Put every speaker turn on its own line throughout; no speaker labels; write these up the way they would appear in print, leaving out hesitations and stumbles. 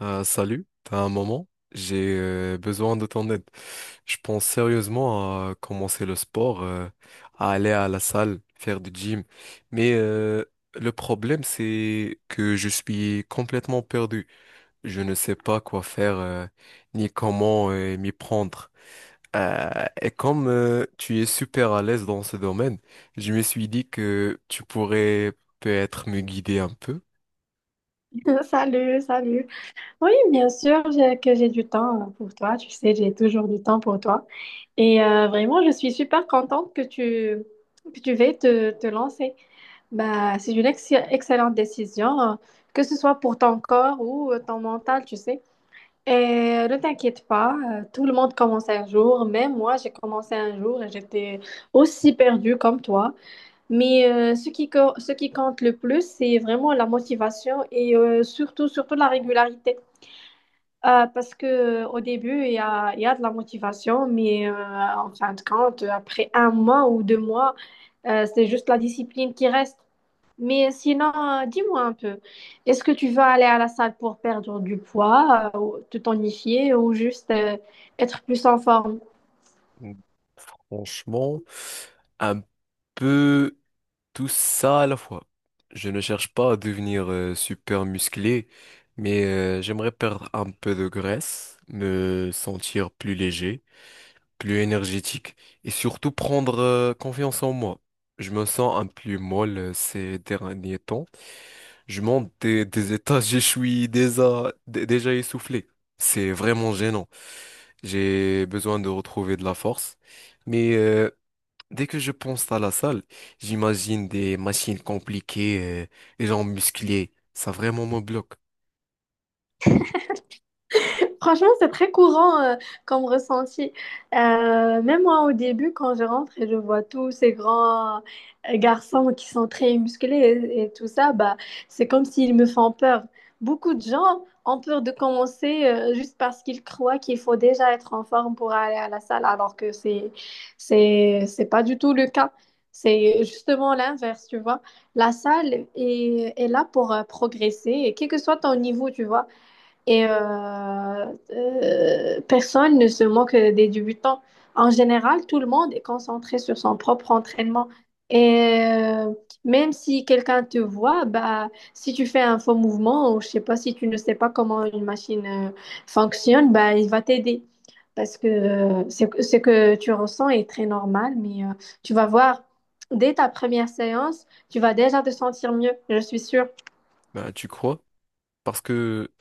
Salut, t'as un moment? J'ai besoin de ton aide. Je pense sérieusement à commencer le sport, à aller à la salle, faire du gym. Mais euh, le problème, c'est que je suis complètement perdu. Je ne sais pas quoi faire, ni comment m'y prendre. Et comme tu es super à l'aise dans ce domaine, je me suis dit que tu pourrais peut-être me guider un peu.
Salut, salut. Oui, bien sûr que j'ai du temps pour toi. Tu sais, j'ai toujours du temps pour toi. Et vraiment, je suis super contente que tu veuilles te lancer. Bah, c'est une excellente décision, que ce soit pour ton corps ou ton mental, tu sais. Et ne t'inquiète pas, tout le monde commence un jour. Même moi, j'ai commencé un jour et j'étais aussi perdue comme toi. Ce ce qui compte le plus, c'est vraiment la motivation et surtout, surtout la régularité. Parce que au début, il y a de la motivation, mais en fin de compte, après un mois ou deux mois, c'est juste la discipline qui reste. Mais sinon, dis-moi un peu, est-ce que tu vas aller à la salle pour perdre du poids, ou te tonifier ou juste être plus en forme?
Franchement, un peu. Tout ça à la fois. Je ne cherche pas à devenir super musclé, mais j'aimerais perdre un peu de graisse, me sentir plus léger, plus énergétique et surtout prendre confiance en moi. Je me sens un peu molle ces derniers temps. Je monte des étages, je suis déjà essoufflé. C'est vraiment gênant. J'ai besoin de retrouver de la force. Mais euh, Dès que je pense à la salle, j'imagine des machines compliquées, des gens musclés. Ça vraiment me bloque.
Franchement, c'est très courant comme ressenti. Même moi, au début, quand je rentre et je vois tous ces grands garçons qui sont très musclés et tout ça, bah, c'est comme s'ils me font peur. Beaucoup de gens ont peur de commencer juste parce qu'ils croient qu'il faut déjà être en forme pour aller à la salle, alors que c'est pas du tout le cas. C'est justement l'inverse, tu vois. La salle est là pour progresser, et quel que soit ton niveau, tu vois et personne ne se moque des débutants. En général, tout le monde est concentré sur son propre entraînement. Et même si quelqu'un te voit, bah, si tu fais un faux mouvement ou je sais pas, si tu ne sais pas comment une machine fonctionne, bah, il va t'aider. Parce que c'est que- ce que tu ressens est très normal, mais tu vas voir, dès ta première séance, tu vas déjà te sentir mieux, je suis sûre.
Ben, tu crois? Parce que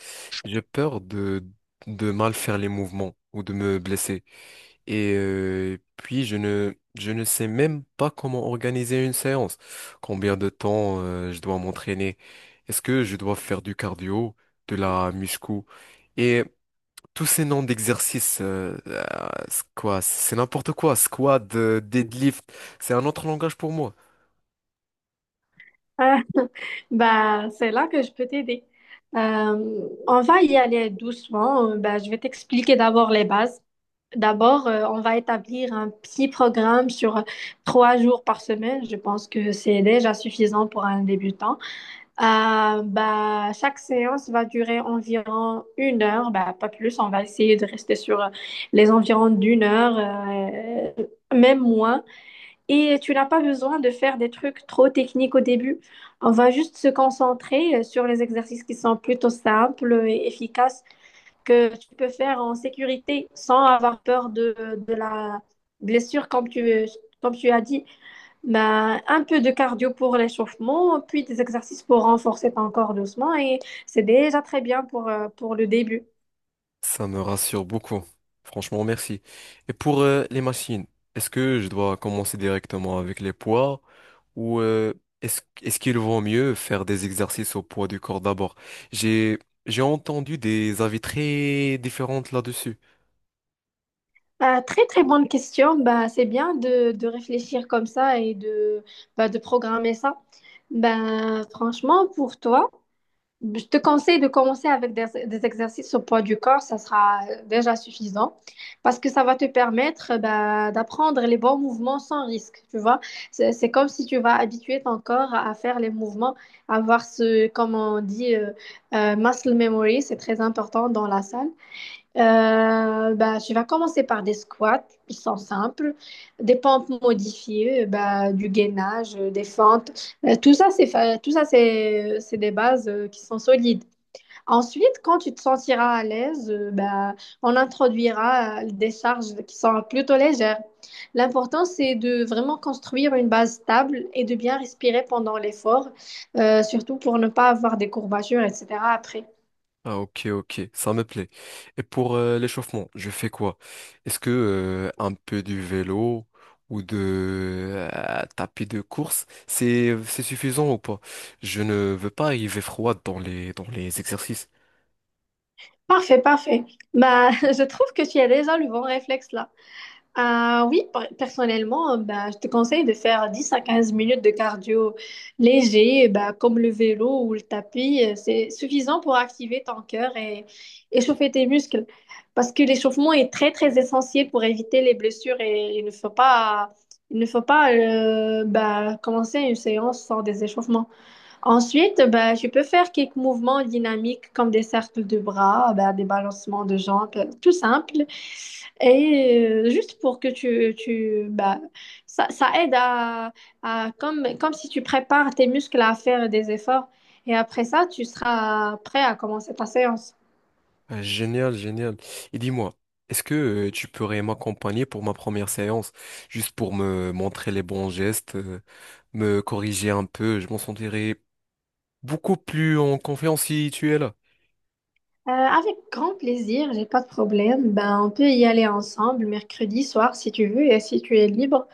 j'ai peur de mal faire les mouvements ou de me blesser. Et puis, je ne sais même pas comment organiser une séance. Combien de temps je dois m'entraîner? Est-ce que je dois faire du cardio, de la muscu? Et tous ces noms d'exercices, c'est quoi, c'est n'importe quoi. Squat, deadlift, c'est un autre langage pour moi.
Ah, bah, c'est là que je peux t'aider. On va y aller doucement. Je vais t'expliquer d'abord les bases. D'abord, on va établir un petit programme sur 3 jours par semaine. Je pense que c'est déjà suffisant pour un débutant. Chaque séance va durer environ 1 heure, bah, pas plus. On va essayer de rester sur les environs d'1 heure, même moins. Et tu n'as pas besoin de faire des trucs trop techniques au début. On va juste se concentrer sur les exercices qui sont plutôt simples et efficaces que tu peux faire en sécurité sans avoir peur de la blessure, comme tu as dit. Ben, un peu de cardio pour l'échauffement, puis des exercices pour renforcer ton corps doucement. Et c'est déjà très bien pour le début.
Ça me rassure beaucoup. Franchement, merci. Et pour les machines, est-ce que je dois commencer directement avec les poids ou est-ce qu'il vaut mieux faire des exercices au poids du corps d'abord? J'ai j'ai entendu des avis très différents là-dessus.
Ah, très très bonne question. Bah, c'est bien de réfléchir comme ça et de, bah, de programmer ça. Ben, franchement, pour toi, je te conseille de commencer avec des exercices au poids du corps. Ça sera déjà suffisant parce que ça va te permettre d'apprendre les bons mouvements sans risque. Tu vois, c'est comme si tu vas habituer ton corps à faire les mouvements, à avoir ce, comme on dit, muscle memory. C'est très important dans la salle. Je vais commencer par des squats, ils sont simples, des pompes modifiées, du gainage, des fentes. Tout ça, c'est des bases qui sont solides. Ensuite, quand tu te sentiras à l'aise, on introduira des charges qui sont plutôt légères. L'important, c'est de vraiment construire une base stable et de bien respirer pendant l'effort, surtout pour ne pas avoir des courbatures, etc. après.
Ah, ok, ok, ça me plaît. Et pour l'échauffement, je fais quoi? Est-ce que un peu du vélo ou de tapis de course, c'est suffisant ou pas? Je ne veux pas arriver froid dans les exercices.
Parfait, parfait. Bah, je trouve que tu as déjà le bon réflexe là. Ah oui, personnellement, je te conseille de faire 10 à 15 minutes de cardio léger, bah, comme le vélo ou le tapis. C'est suffisant pour activer ton cœur et échauffer tes muscles. Parce que l'échauffement est très, très essentiel pour éviter les blessures et il ne faut pas commencer une séance sans des échauffements. Ensuite, ben, je peux faire quelques mouvements dynamiques comme des cercles de bras, ben, des balancements de jambes, tout simple. Et juste pour que ça, ça aide à comme si tu prépares tes muscles à faire des efforts. Et après ça, tu seras prêt à commencer ta séance.
Ah, génial, génial. Et dis-moi, est-ce que tu pourrais m'accompagner pour ma première séance, juste pour me montrer les bons gestes, me corriger un peu, je m'en sentirais beaucoup plus en confiance si tu es là.
Avec grand plaisir, j'ai pas de problème. Ben, on peut y aller ensemble mercredi soir si tu veux et si tu es libre.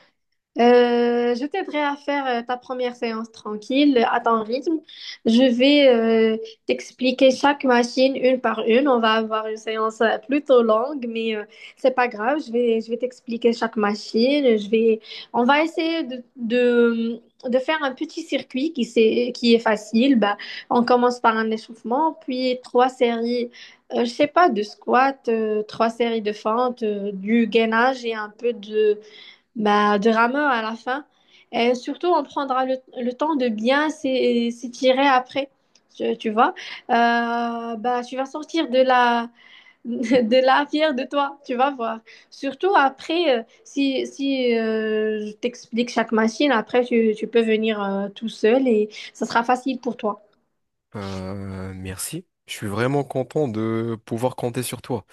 Je t'aiderai à faire ta première séance tranquille, à ton rythme. Je vais t'expliquer chaque machine une par une. On va avoir une séance plutôt longue, mais c'est pas grave. Je vais t'expliquer chaque machine. Je vais, on va essayer de faire un petit circuit qui est facile. Bah, on commence par un échauffement, puis trois séries. Je sais pas, de squat, trois séries de fentes, du gainage et un peu de, bah, de rameur à la fin. Et surtout, on prendra le temps de bien s'étirer après. Tu vois, tu vas sortir de la, de la fière de toi, tu vas voir. Surtout après, si je t'explique chaque machine, après, tu peux venir tout seul et ça sera facile pour toi.
Merci. Je suis vraiment content de pouvoir compter sur toi.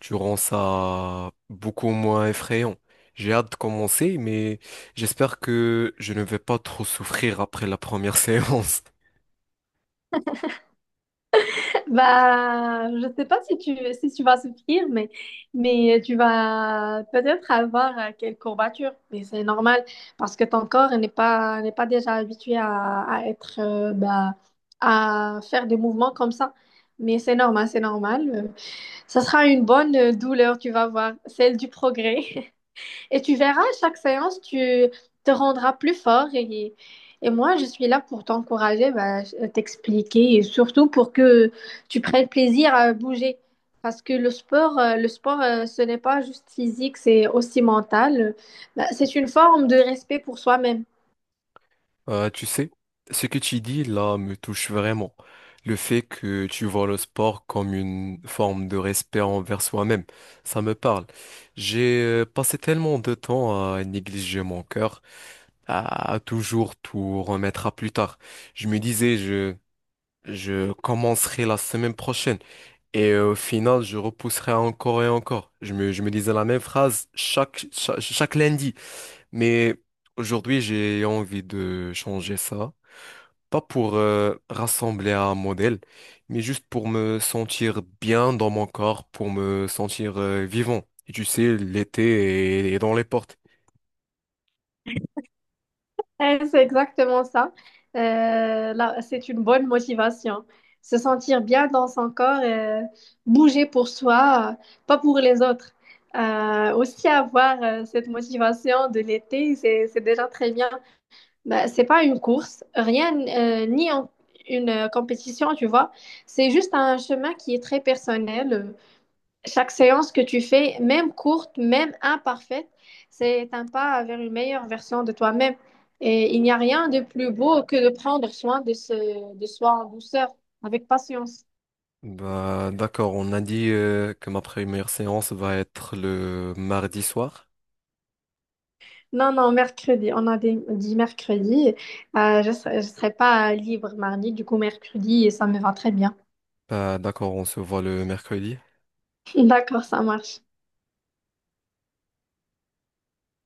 Tu rends ça beaucoup moins effrayant. J'ai hâte de commencer, mais j'espère que je ne vais pas trop souffrir après la première séance.
Bah, je sais pas si tu vas souffrir, mais tu vas peut-être avoir quelques courbatures. Mais c'est normal parce que ton corps n'est pas déjà habitué à être, à faire des mouvements comme ça. Mais c'est normal, c'est normal. Ça sera une bonne douleur, tu vas voir, celle du progrès. Et tu verras, à chaque séance, tu te rendras plus fort. Et moi, je suis là pour t'encourager, bah, t'expliquer et surtout pour que tu prennes plaisir à bouger. Parce que le sport, ce n'est pas juste physique, c'est aussi mental. Bah, c'est une forme de respect pour soi-même.
Tu sais, ce que tu dis là me touche vraiment. Le fait que tu vois le sport comme une forme de respect envers soi-même, ça me parle. J'ai passé tellement de temps à négliger mon cœur, à toujours tout remettre à plus tard. Je me disais, je commencerai la semaine prochaine. Et au final, je repousserai encore et encore. Je me disais la même phrase chaque lundi. Mais aujourd'hui, j'ai envie de changer ça. Pas pour rassembler un modèle, mais juste pour me sentir bien dans mon corps, pour me sentir vivant. Et tu sais, l'été est dans les portes.
Eh, c'est exactement ça. Là, c'est une bonne motivation. Se sentir bien dans son corps, bouger pour soi, pas pour les autres. Aussi avoir cette motivation de l'été, c'est déjà très bien. Bah, c'est pas une course, rien, ni en- une compétition, tu vois. C'est juste un chemin qui est très personnel. Chaque séance que tu fais, même courte, même imparfaite, c'est un pas vers une meilleure version de toi-même. Et il n'y a rien de plus beau que de prendre soin de soi en douceur, avec patience.
Bah, d'accord, on a dit que ma première séance va être le mardi soir.
Non, non, mercredi. Dit mercredi. Je serai pas libre mardi, du coup mercredi, et ça me va très bien.
Bah, d'accord, on se voit le mercredi.
D'accord, ça marche.